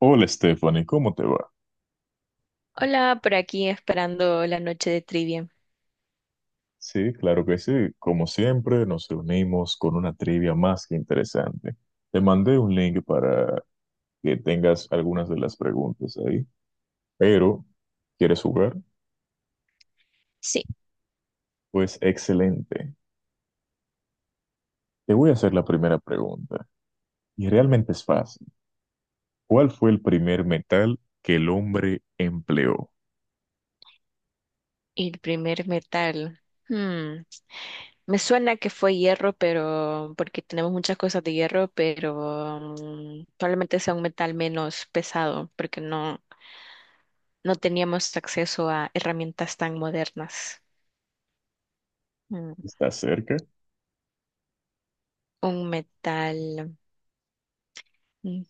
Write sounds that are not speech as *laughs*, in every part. Hola Stephanie, ¿cómo te va? Hola, por aquí esperando la noche de trivia. Sí, claro que sí. Como siempre, nos reunimos con una trivia más que interesante. Te mandé un link para que tengas algunas de las preguntas ahí, pero ¿quieres jugar? Sí, Pues excelente. Te voy a hacer la primera pregunta, y realmente es fácil. ¿Cuál fue el primer metal que el hombre empleó? el primer metal. Hmm, Me suena que fue hierro, pero porque tenemos muchas cosas de hierro, pero probablemente sea un metal menos pesado, porque no, no teníamos acceso a herramientas tan modernas. Mm. ¿Estás cerca? Un metal. mm,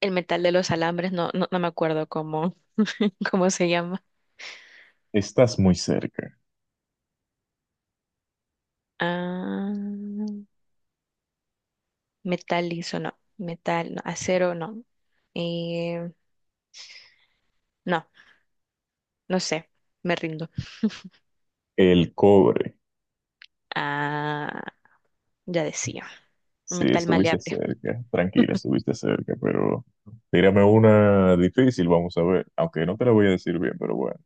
El metal de los alambres, no, no, no me acuerdo cómo, *laughs* cómo se llama. Estás muy cerca. Ah. Metal liso, no, metal, no, acero, no, Eh, no, no sé, me rindo. El cobre. Ah, ya decía, Sí, metal estuviste maleable. cerca, tranquila, estuviste cerca, pero tírame una difícil, vamos a ver, aunque no te la voy a decir bien, pero bueno.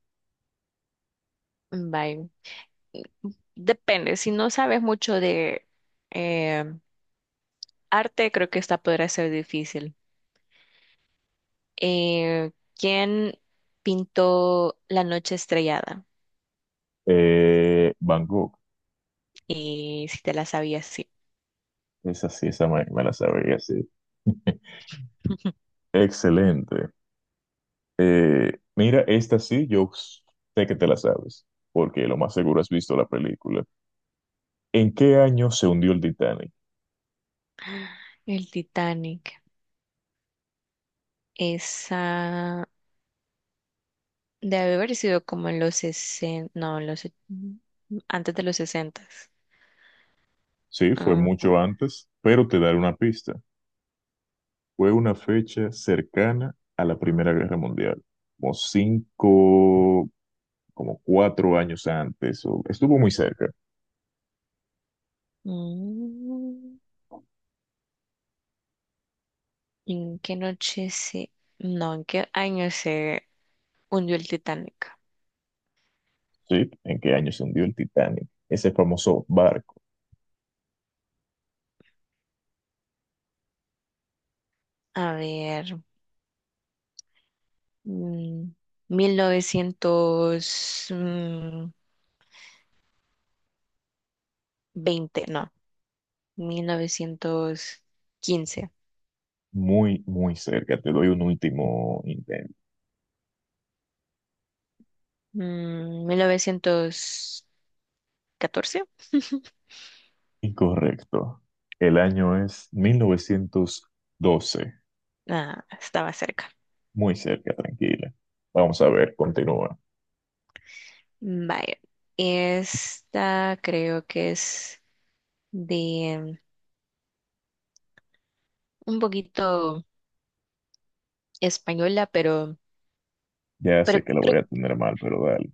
Bye. Depende, si no sabes mucho de eh, arte, creo que esta podrá ser difícil. Eh, ¿Quién pintó La noche estrellada? Bangkok, Y si te la sabías, sí. esa sí, esa me la sabía, sí. *laughs* *laughs* Excelente. Mira, esta sí, yo sé que te la sabes, porque lo más seguro has visto la película. ¿En qué año se hundió el Titanic? El Titanic. Esa. Debe haber sido como en los 60, no, antes de los 60. Sí, fue Ah, mucho antes, pero te daré una pista. Fue una fecha cercana a la Primera Guerra Mundial, como cinco, como cuatro años antes, o- estuvo muy cerca, mm, ¿en qué noche se, no, en qué año se hundió el Titanic? ¿sí? ¿En qué año se hundió el Titanic? Ese famoso barco, A ver, mm, mil novecientos veinte, no, 1915, muy, muy cerca. Te doy un último intento. 1914. *laughs* Incorrecto. El año es mil novecientos doce. Ah, estaba cerca. Muy cerca, tranquila. Vamos a ver, continúa. Vaya, esta creo que es de un poquito española, Ya sé pero, que lo voy creo- a tener mal, pero dale.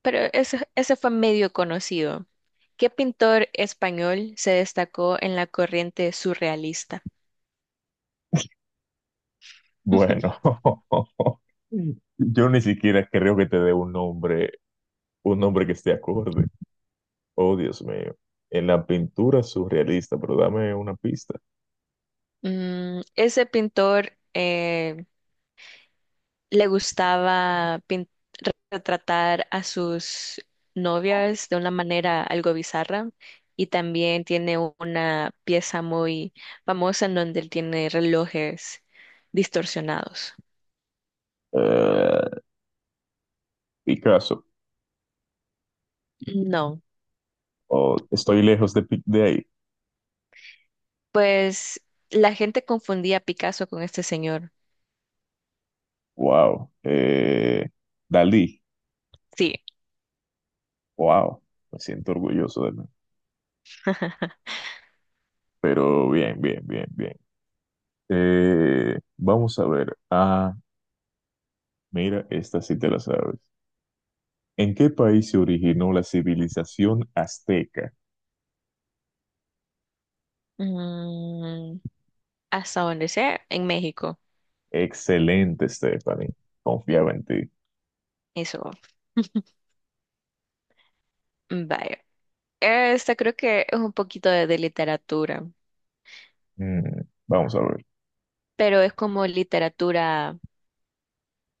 pero ese, fue medio conocido. ¿Qué pintor español se destacó en la corriente surrealista? Bueno, *laughs* *laughs* yo ni siquiera creo que te dé un nombre que esté acorde. Oh, Dios mío. En la pintura surrealista, pero dame una pista. Ese pintor le gustaba retratar a sus novias de una manera algo bizarra y también tiene una pieza muy famosa en donde él tiene relojes distorsionados. Eh, Picasso. No, Oh, estoy lejos de, Pi- de ahí. pues la gente confundía a Picasso con este señor. Wow. Dalí. Sí, Wow. Me siento orgulloso de mí. Pero bien, bien, bien, bien. Vamos a ver. Ah, mira, esta sí te la sabes. ¿En qué país se originó la civilización azteca? Mm, hasta donde sea, en México. Excelente, Stephanie. Confiaba en ti. Eso. *laughs* Vaya. Esta creo que es un poquito de, literatura, Mm, vamos a ver. pero es como literatura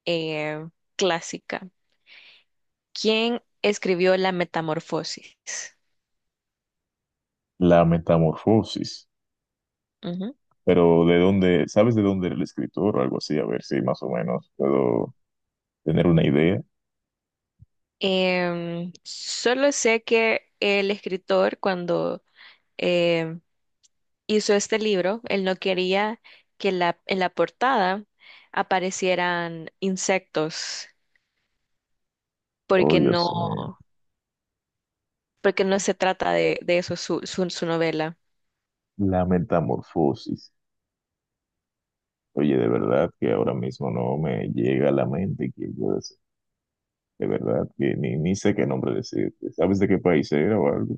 eh, clásica. ¿Quién escribió La Metamorfosis? La metamorfosis. Ujú. Pero ¿de dónde? ¿Sabes de dónde era el escritor o algo así? A ver si más o menos puedo tener una idea. Solo sé que el escritor cuando em, hizo este libro, él no quería en la portada aparecieran insectos Oh, porque no, Dios mío. porque no se trata de, eso su novela. La metamorfosis. Oye, de verdad que ahora mismo no me llega a la mente quién puede ser. De verdad que ni sé qué nombre decirte. ¿Sabes de qué país era o algo?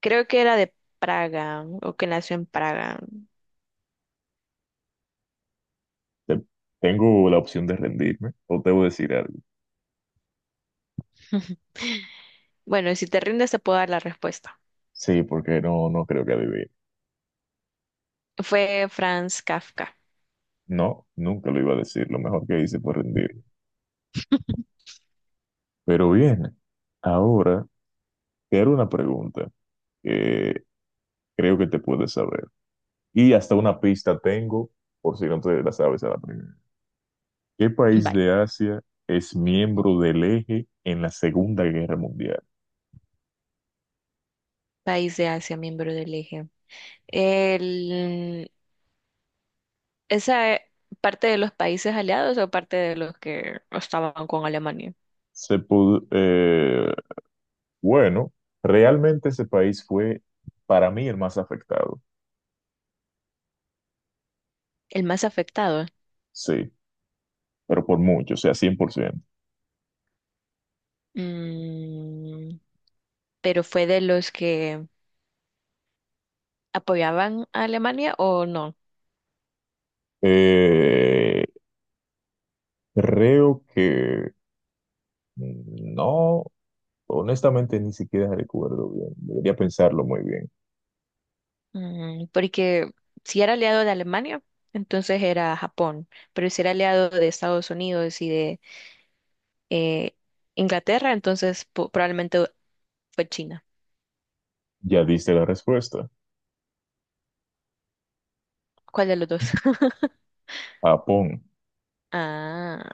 Creo que era de Praga o que nació en Praga. Te- Tengo la opción de rendirme o te voy a decir algo. *laughs* Bueno, y si te rindes te puedo dar la respuesta. Sí, porque no creo que adivine. Fue Franz Kafka. No, nunca lo iba a decir. Lo mejor que hice fue rendir. Pero bien, ahora te haré una pregunta que creo que te puedes saber. Y hasta una pista tengo, por si no te la sabes a la primera. ¿Qué país Bye. de Asia es miembro del Eje en la Segunda Guerra Mundial? País de Asia, miembro del eje. El, ¿Esa parte de los países aliados o parte de los que estaban con Alemania? Se pod- eh, bueno, realmente ese país fue para mí el más afectado. El más afectado. Sí, pero por mucho, o sea, 100%. Mm, pero fue de los que apoyaban a Alemania o no. Eh, creo que no, honestamente ni siquiera recuerdo bien. Debería pensarlo muy bien. Porque si era aliado de Alemania, entonces era Japón. Pero si era aliado de Estados Unidos y de eh, Inglaterra, entonces probablemente fue China. Ya diste la respuesta. ¿Cuál de los dos? *laughs* Japón, Ah.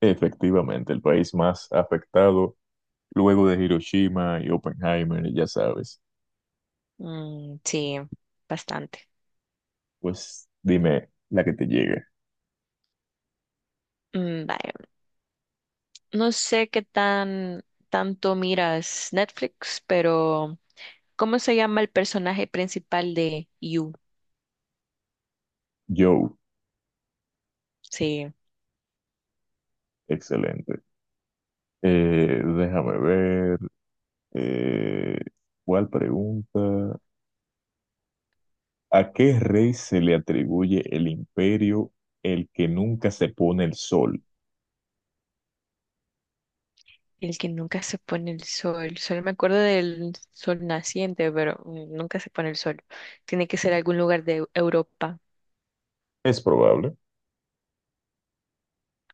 efectivamente, el país más afectado luego de Hiroshima y Oppenheimer, ya sabes. Sí, bastante. Pues dime la que te llegue. Vaya. No sé qué tan tanto miras Netflix, pero ¿cómo se llama el personaje principal de You? Joe, Sí, excelente. Déjame ver. eh, ¿Cuál pregunta? ¿A qué rey se le atribuye el imperio el que nunca se pone el sol? el que nunca se pone el sol. Solo me acuerdo del sol naciente, pero nunca se pone el sol. Tiene que ser algún lugar de Europa. Es probable.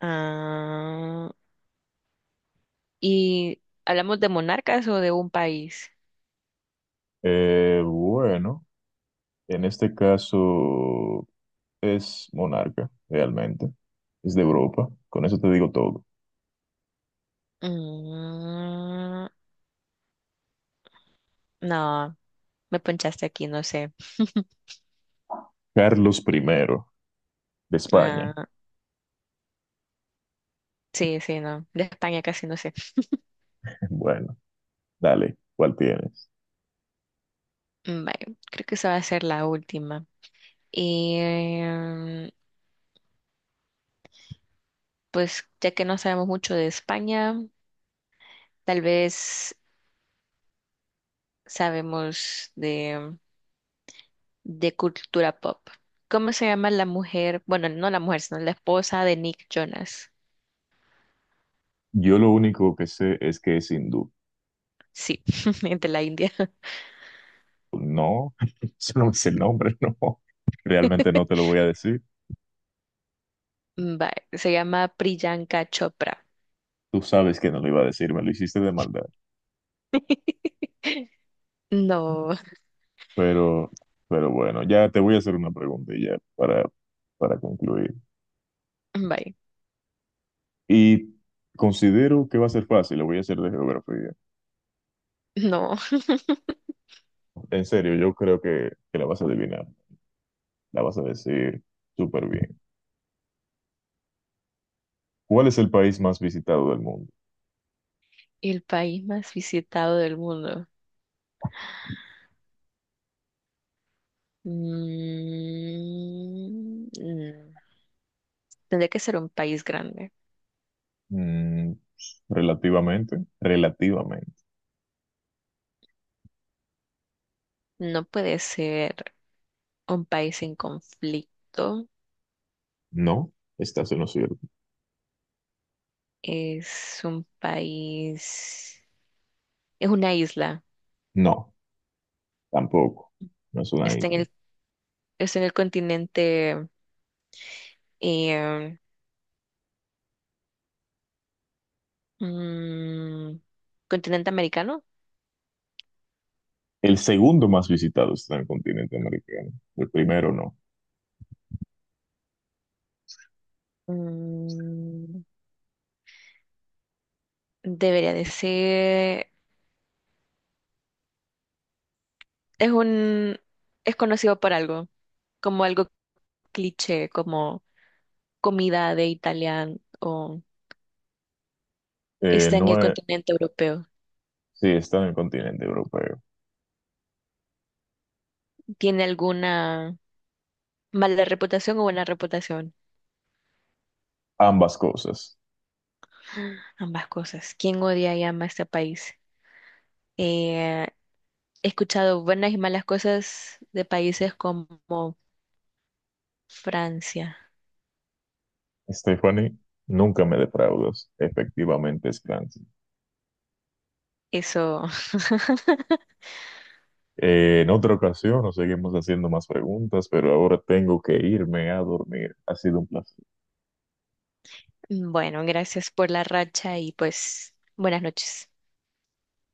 Ah, ¿y hablamos de monarcas o de un país? Bueno, en este caso es monarca, realmente. Es de Europa. Con eso te digo todo. Mm, no, me ponchaste aquí, no sé. *laughs* Carlos I de España. Ah. Sí, sí, no. De España casi no sé. *laughs* Bueno, dale, ¿cuál tienes? Vale, creo que esa va a ser la última. Y em, pues ya que no sabemos mucho de España, tal vez sabemos de, cultura pop. ¿Cómo se llama la mujer? Bueno, no la mujer, sino la esposa de Nick Jonas. Yo lo único que sé es que es hindú. Sí, *laughs* de la India. No, *laughs* eso no me sé el nombre, *laughs* no. Realmente no te *laughs* lo voy a decir. Vale, se llama Priyanka Chopra. Tú sabes que no lo iba a decir, me lo hiciste de maldad. *laughs* No, Pero, pero bueno, ya te voy a hacer una pregunta y ya para concluir. vale, Y considero que va a ser fácil, lo voy a hacer de geografía. no. En serio, yo creo que la vas a adivinar, la vas a decir súper bien. ¿Cuál es el país más visitado del mundo? El país más visitado del mundo. Mm, mm. Tendría que ser un país grande. Mm, relativamente, relativamente. No puede ser un país en conflicto. No, estás en lo cierto. Es un país, es una isla. No, tampoco, no es una Está en isla. el, Está en el eh, mm, continente americano. El segundo más visitado está en el continente americano, el primero no. Mm, Debería de ser, es un, es conocido por algo, como algo cliché, como comida de italiano. Eh, Está en el no es, continente europeo. sí, está en el continente europeo. ¿Tiene alguna mala reputación o buena reputación? Ambas cosas. Ambas cosas. ¿Quién odia y ama este país? Eh, he escuchado buenas y malas cosas de países como Francia. Stephanie, nunca me defraudas. Efectivamente es Clancy. Eso, En otra ocasión nos seguimos haciendo más preguntas, pero ahora tengo que irme a dormir. Ha sido un placer. *laughs* bueno, gracias por la racha y pues buenas noches.